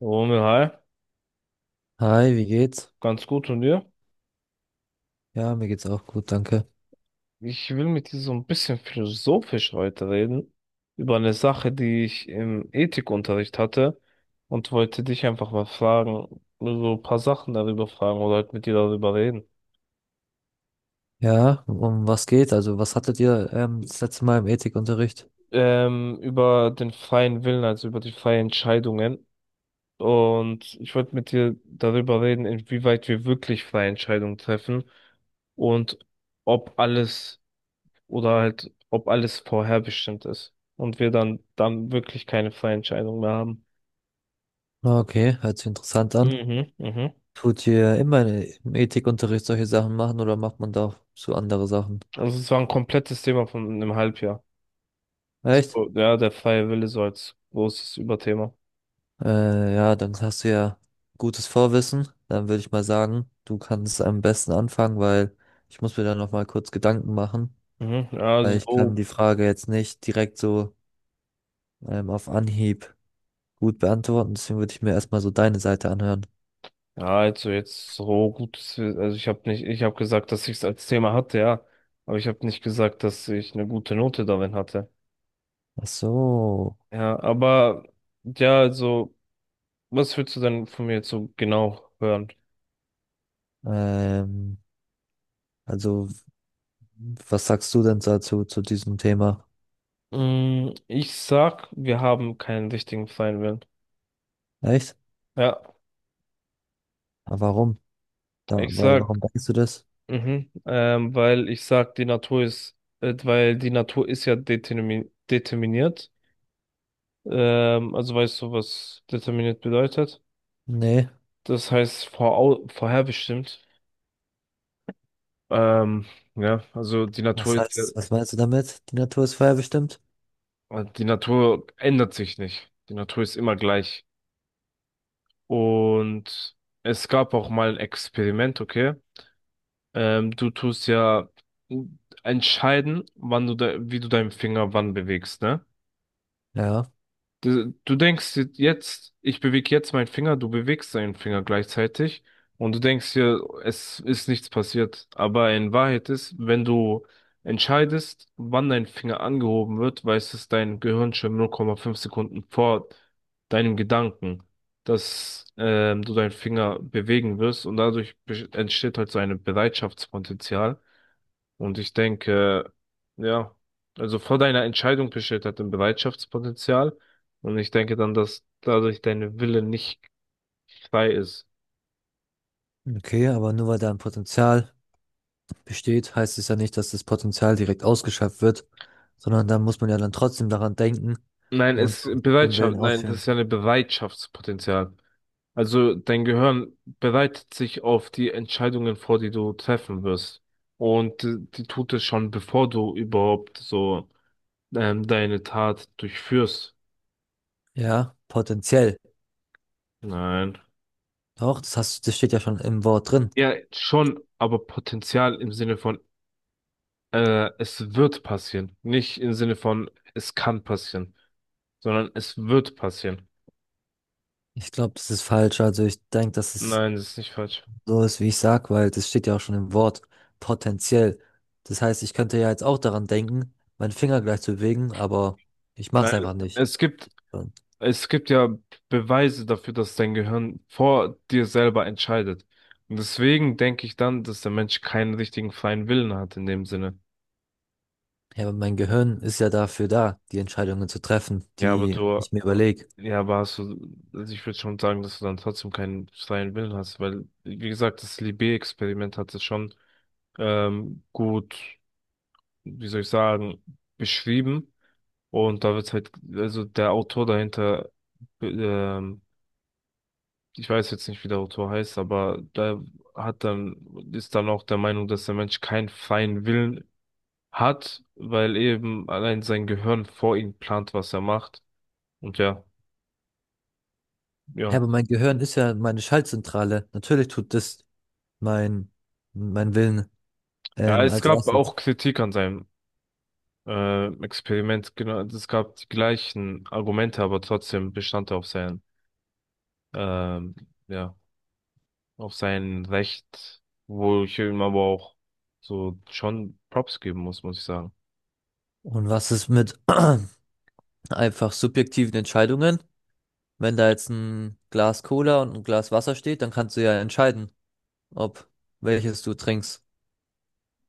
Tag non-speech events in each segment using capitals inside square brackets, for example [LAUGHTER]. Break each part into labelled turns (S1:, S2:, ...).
S1: Romeo, hi,
S2: Hi, wie geht's?
S1: ganz gut und dir?
S2: Ja, mir geht's auch gut, danke.
S1: Ich will mit dir so ein bisschen philosophisch heute reden, über eine Sache, die ich im Ethikunterricht hatte und wollte dich einfach mal fragen, so ein paar Sachen darüber fragen oder halt mit dir darüber reden.
S2: Ja, um was geht? Also, was hattet ihr das letzte Mal im Ethikunterricht?
S1: Über den freien Willen, also über die freien Entscheidungen. Und ich wollte mit dir darüber reden, inwieweit wir wirklich freie Entscheidungen treffen und ob alles oder halt, ob alles vorherbestimmt ist und wir dann wirklich keine freie Entscheidung mehr haben.
S2: Ah, okay, hört sich interessant an.
S1: Mhm, mhm.
S2: Tut ihr immer im Ethikunterricht solche Sachen machen oder macht man da auch so andere Sachen?
S1: Also es war ein komplettes Thema von einem Halbjahr.
S2: Echt?
S1: So, ja, der freie Wille so als großes Überthema.
S2: Ja, dann hast du ja gutes Vorwissen. Dann würde ich mal sagen, du kannst am besten anfangen, weil ich muss mir da noch mal kurz Gedanken machen,
S1: Mhm, ja,
S2: weil
S1: also
S2: ich
S1: so,
S2: kann die Frage jetzt nicht direkt so auf Anhieb gut beantworten. Deswegen würde ich mir erstmal so deine Seite anhören.
S1: ja, also jetzt so gutes, also ich habe nicht, ich habe gesagt, dass ich es als Thema hatte, ja, aber ich habe nicht gesagt, dass ich eine gute Note darin hatte.
S2: Ach so,
S1: Ja, aber ja, also, was willst du denn von mir jetzt so genau hören?
S2: ähm, also was sagst du denn dazu, zu diesem Thema?
S1: Ich sag, wir haben keinen richtigen freien Willen.
S2: Echt?
S1: Ja,
S2: Aber warum? Ja,
S1: ich sag,
S2: warum denkst du das?
S1: mhm, weil ich sag, die Natur ist, weil die Natur ist ja determiniert. Also weißt du, was determiniert bedeutet?
S2: Nee.
S1: Das heißt vorau vorherbestimmt. Ähm, ja, also
S2: Was heißt, was meinst du damit? Die Natur ist vorherbestimmt?
S1: die Natur ändert sich nicht. Die Natur ist immer gleich. Und es gab auch mal ein Experiment, okay? Du tust ja entscheiden, wann du de wie du deinen Finger wann bewegst, ne?
S2: Ja,
S1: Du denkst dir jetzt, ich bewege jetzt meinen Finger, du bewegst deinen Finger gleichzeitig und du denkst dir, es ist nichts passiert. Aber in Wahrheit ist, wenn du entscheidest, wann dein Finger angehoben wird, weiß es dein Gehirn schon 0,5 Sekunden vor deinem Gedanken, dass du deinen Finger bewegen wirst, und dadurch entsteht halt so ein Bereitschaftspotenzial. Und ich denke, ja, also vor deiner Entscheidung besteht halt ein Bereitschaftspotenzial. Und ich denke dann, dass dadurch dein Wille nicht frei ist.
S2: okay, aber nur weil da ein Potenzial besteht, heißt es ja nicht, dass das Potenzial direkt ausgeschöpft wird, sondern da muss man ja dann trotzdem daran denken und auch den Willen
S1: Nein, das
S2: ausführen.
S1: ist ja ein Bereitschaftspotenzial. Also dein Gehirn bereitet sich auf die Entscheidungen vor, die du treffen wirst. Und die tut es schon, bevor du überhaupt deine Tat durchführst.
S2: Ja, potenziell.
S1: Nein.
S2: Doch, das hast, das steht ja schon im Wort drin.
S1: Ja, schon, aber Potenzial im Sinne von es wird passieren. Nicht im Sinne von, es kann passieren, sondern es wird passieren.
S2: Ich glaube, das ist falsch. Also ich denke, dass es
S1: Nein, das ist nicht falsch.
S2: so ist, wie ich sag, weil das steht ja auch schon im Wort, potenziell. Das heißt, ich könnte ja jetzt auch daran denken, meinen Finger gleich zu bewegen, aber ich
S1: Nein,
S2: mach's einfach nicht.
S1: es gibt,
S2: Und,
S1: es gibt ja Beweise dafür, dass dein Gehirn vor dir selber entscheidet. Und deswegen denke ich dann, dass der Mensch keinen richtigen freien Willen hat in dem Sinne.
S2: ja, aber mein Gehirn ist ja dafür da, die Entscheidungen zu treffen,
S1: Ja, aber
S2: die
S1: du,
S2: ich mir überlege.
S1: ja, aber hast du, also ich würde schon sagen, dass du dann trotzdem keinen freien Willen hast, weil, wie gesagt, das Libé-Experiment hat es schon gut, wie soll ich sagen, beschrieben. Und da wird halt, also der Autor dahinter, ähm, ich weiß jetzt nicht, wie der Autor heißt, aber da hat dann, ist dann auch der Meinung, dass der Mensch keinen freien Willen hat, weil eben allein sein Gehirn vor ihm plant, was er macht. Und ja,
S2: Ja,
S1: ja.
S2: aber mein Gehirn ist ja meine Schaltzentrale. Natürlich tut das mein, mein Willen
S1: Ja, es
S2: als
S1: gab auch
S2: erstes.
S1: Kritik an seinem Experiment, genau, es gab die gleichen Argumente, aber trotzdem bestand er auf seinen, ähm, ja, auf sein Recht, wo ich ihm aber auch so schon Props geben muss, muss ich sagen.
S2: Und was ist mit [CLEARS THROAT] einfach subjektiven Entscheidungen? Wenn da jetzt ein Glas Cola und ein Glas Wasser steht, dann kannst du ja entscheiden, ob, welches du trinkst.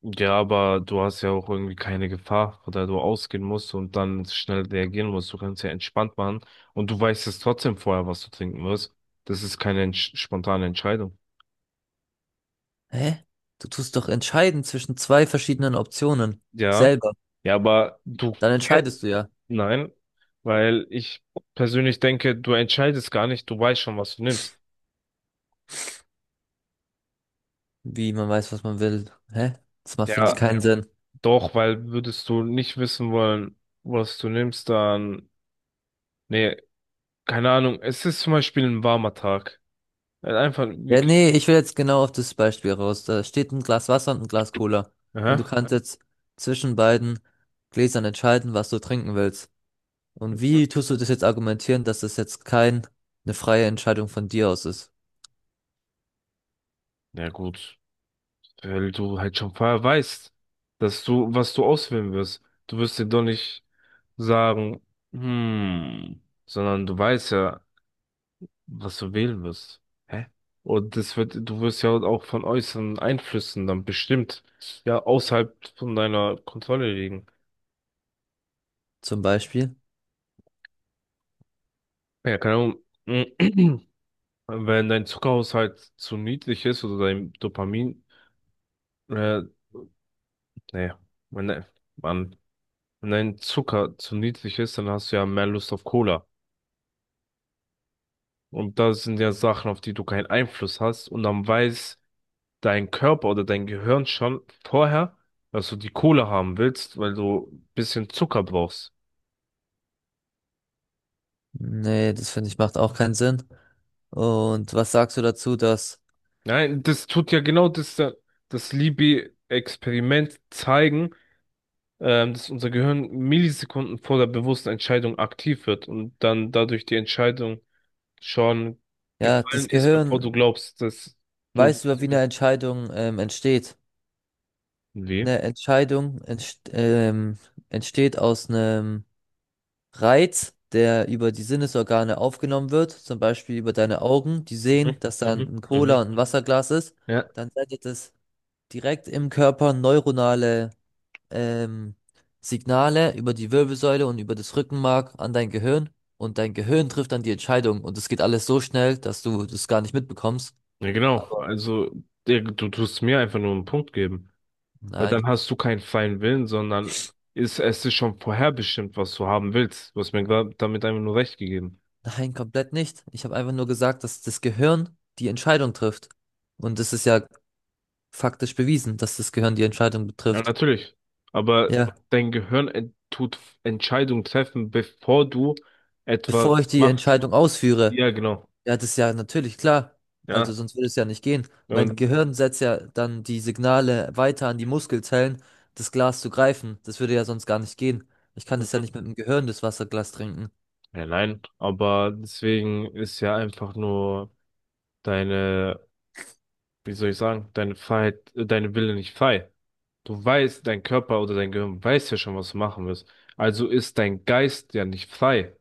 S1: Ja, aber du hast ja auch irgendwie keine Gefahr, von der du ausgehen musst und dann schnell reagieren musst. Du kannst ja entspannt machen und du weißt es trotzdem vorher, was du trinken wirst. Das ist keine spontane Entscheidung.
S2: Hä? Du tust doch entscheiden zwischen zwei verschiedenen Optionen.
S1: Ja,
S2: Selber.
S1: ja, aber du,
S2: Dann
S1: ke-
S2: entscheidest du ja,
S1: nein, weil ich persönlich denke, du entscheidest gar nicht, du weißt schon, was du nimmst.
S2: wie man weiß, was man will. Hä? Das macht, finde ich,
S1: Ja,
S2: keinen Sinn.
S1: doch, weil würdest du nicht wissen wollen, was du nimmst, dann. Nee, keine Ahnung. Es ist zum Beispiel ein warmer Tag. Halt einfach
S2: Ja,
S1: wirklich.
S2: nee, ich will jetzt genau auf das Beispiel raus. Da steht ein Glas Wasser und ein Glas Cola. Und du
S1: Aha.
S2: kannst jetzt zwischen beiden Gläsern entscheiden, was du trinken willst. Und
S1: Mhm.
S2: wie tust du das jetzt argumentieren, dass das jetzt kein, eine freie Entscheidung von dir aus ist?
S1: Ja, gut. Weil du halt schon vorher weißt, dass was du auswählen wirst. Du wirst dir doch nicht sagen, hm, sondern du weißt ja, was du wählen wirst. Hä? Und du wirst ja auch von äußeren Einflüssen dann bestimmt, ja, außerhalb von deiner Kontrolle liegen.
S2: Zum Beispiel?
S1: Ja, keine Ahnung. [CLEARS THROAT] Wenn dein Zuckerhaushalt zu niedrig ist oder dein Dopamin, äh, nee, wenn, de- Mann, wenn dein Zucker zu niedrig ist, dann hast du ja mehr Lust auf Cola. Und das sind ja Sachen, auf die du keinen Einfluss hast. Und dann weiß dein Körper oder dein Gehirn schon vorher, dass du die Cola haben willst, weil du ein bisschen Zucker brauchst.
S2: Nee, das finde ich macht auch keinen Sinn. Und was sagst du dazu, dass
S1: Nein, das tut ja genau das, das Liebig-Experiment zeigen dass unser Gehirn Millisekunden vor der bewussten Entscheidung aktiv wird und dann dadurch die Entscheidung schon
S2: ja,
S1: gefallen
S2: das
S1: ist, bevor du
S2: Gehirn
S1: glaubst, dass du
S2: weiß
S1: die
S2: über, wie eine
S1: bist.
S2: Entscheidung entsteht.
S1: Wie?
S2: Eine Entscheidung entst entsteht aus einem Reiz, der über die Sinnesorgane aufgenommen wird, zum Beispiel über deine Augen, die sehen,
S1: Mhm,
S2: dass da
S1: mhm,
S2: ein Cola
S1: mhm.
S2: und ein Wasserglas ist.
S1: Ja.
S2: Dann sendet es direkt im Körper neuronale ähm, Signale über die Wirbelsäule und über das Rückenmark an dein Gehirn. Und dein Gehirn trifft dann die Entscheidung. Und es geht alles so schnell, dass du das gar nicht mitbekommst.
S1: Ja, genau.
S2: Aber
S1: Also, du tust mir einfach nur einen Punkt geben, weil
S2: nein.
S1: dann hast du keinen freien Willen, sondern es ist schon vorherbestimmt, was du haben willst. Du hast mir grad damit einfach nur recht gegeben.
S2: Nein, komplett nicht. Ich habe einfach nur gesagt, dass das Gehirn die Entscheidung trifft. Und es ist ja faktisch bewiesen, dass das Gehirn die Entscheidung
S1: Ja,
S2: betrifft.
S1: natürlich. Aber
S2: Ja,
S1: dein Gehirn Entscheidungen treffen, bevor du etwas
S2: bevor ich die
S1: machst.
S2: Entscheidung ausführe,
S1: Ja, genau.
S2: ja, das ist ja natürlich klar.
S1: Ja.
S2: Also sonst würde es ja nicht gehen. Mein
S1: Und,
S2: Gehirn setzt ja dann die Signale weiter an die Muskelzellen, das Glas zu greifen. Das würde ja sonst gar nicht gehen. Ich kann das ja
S1: mhm,
S2: nicht mit dem Gehirn, das Wasserglas trinken.
S1: ja, nein. Aber deswegen ist ja einfach nur deine, wie soll ich sagen, deine Freiheit, deine Wille nicht frei. Du weißt, dein Körper oder dein Gehirn weiß ja schon, was du machen willst. Also ist dein Geist ja nicht frei.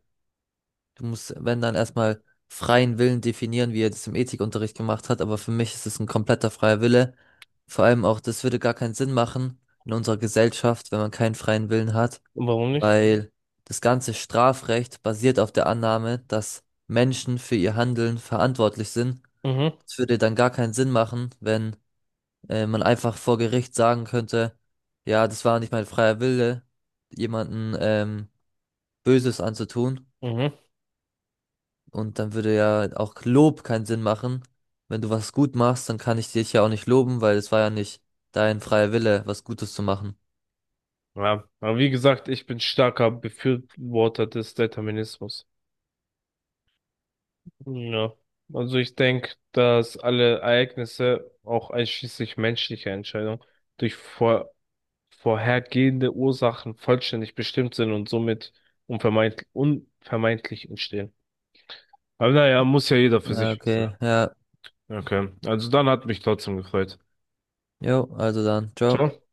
S2: Du musst, wenn dann erstmal freien Willen definieren, wie er das im Ethikunterricht gemacht hat, aber für mich ist es ein kompletter freier Wille. Vor allem auch, das würde gar keinen Sinn machen in unserer Gesellschaft, wenn man keinen freien Willen hat,
S1: Warum nicht?
S2: weil das ganze Strafrecht basiert auf der Annahme, dass Menschen für ihr Handeln verantwortlich sind.
S1: Mhm,
S2: Es würde dann gar keinen Sinn machen, wenn man einfach vor Gericht sagen könnte, ja, das war nicht mein freier Wille, jemanden Böses anzutun.
S1: mhm.
S2: Und dann würde ja auch Lob keinen Sinn machen. Wenn du was gut machst, dann kann ich dich ja auch nicht loben, weil es war ja nicht dein freier Wille, was Gutes zu machen.
S1: Ja, aber wie gesagt, ich bin starker Befürworter des Determinismus. Ja, also ich denke, dass alle Ereignisse, auch einschließlich menschlicher Entscheidungen, durch vorhergehende Ursachen vollständig bestimmt sind und somit unvermeidlich entstehen. Aber naja, muss ja jeder für
S2: Ja,
S1: sich wissen,
S2: okay, ja,
S1: ne? Okay, also dann hat mich trotzdem gefreut.
S2: jo, also dann, ciao.
S1: Ciao.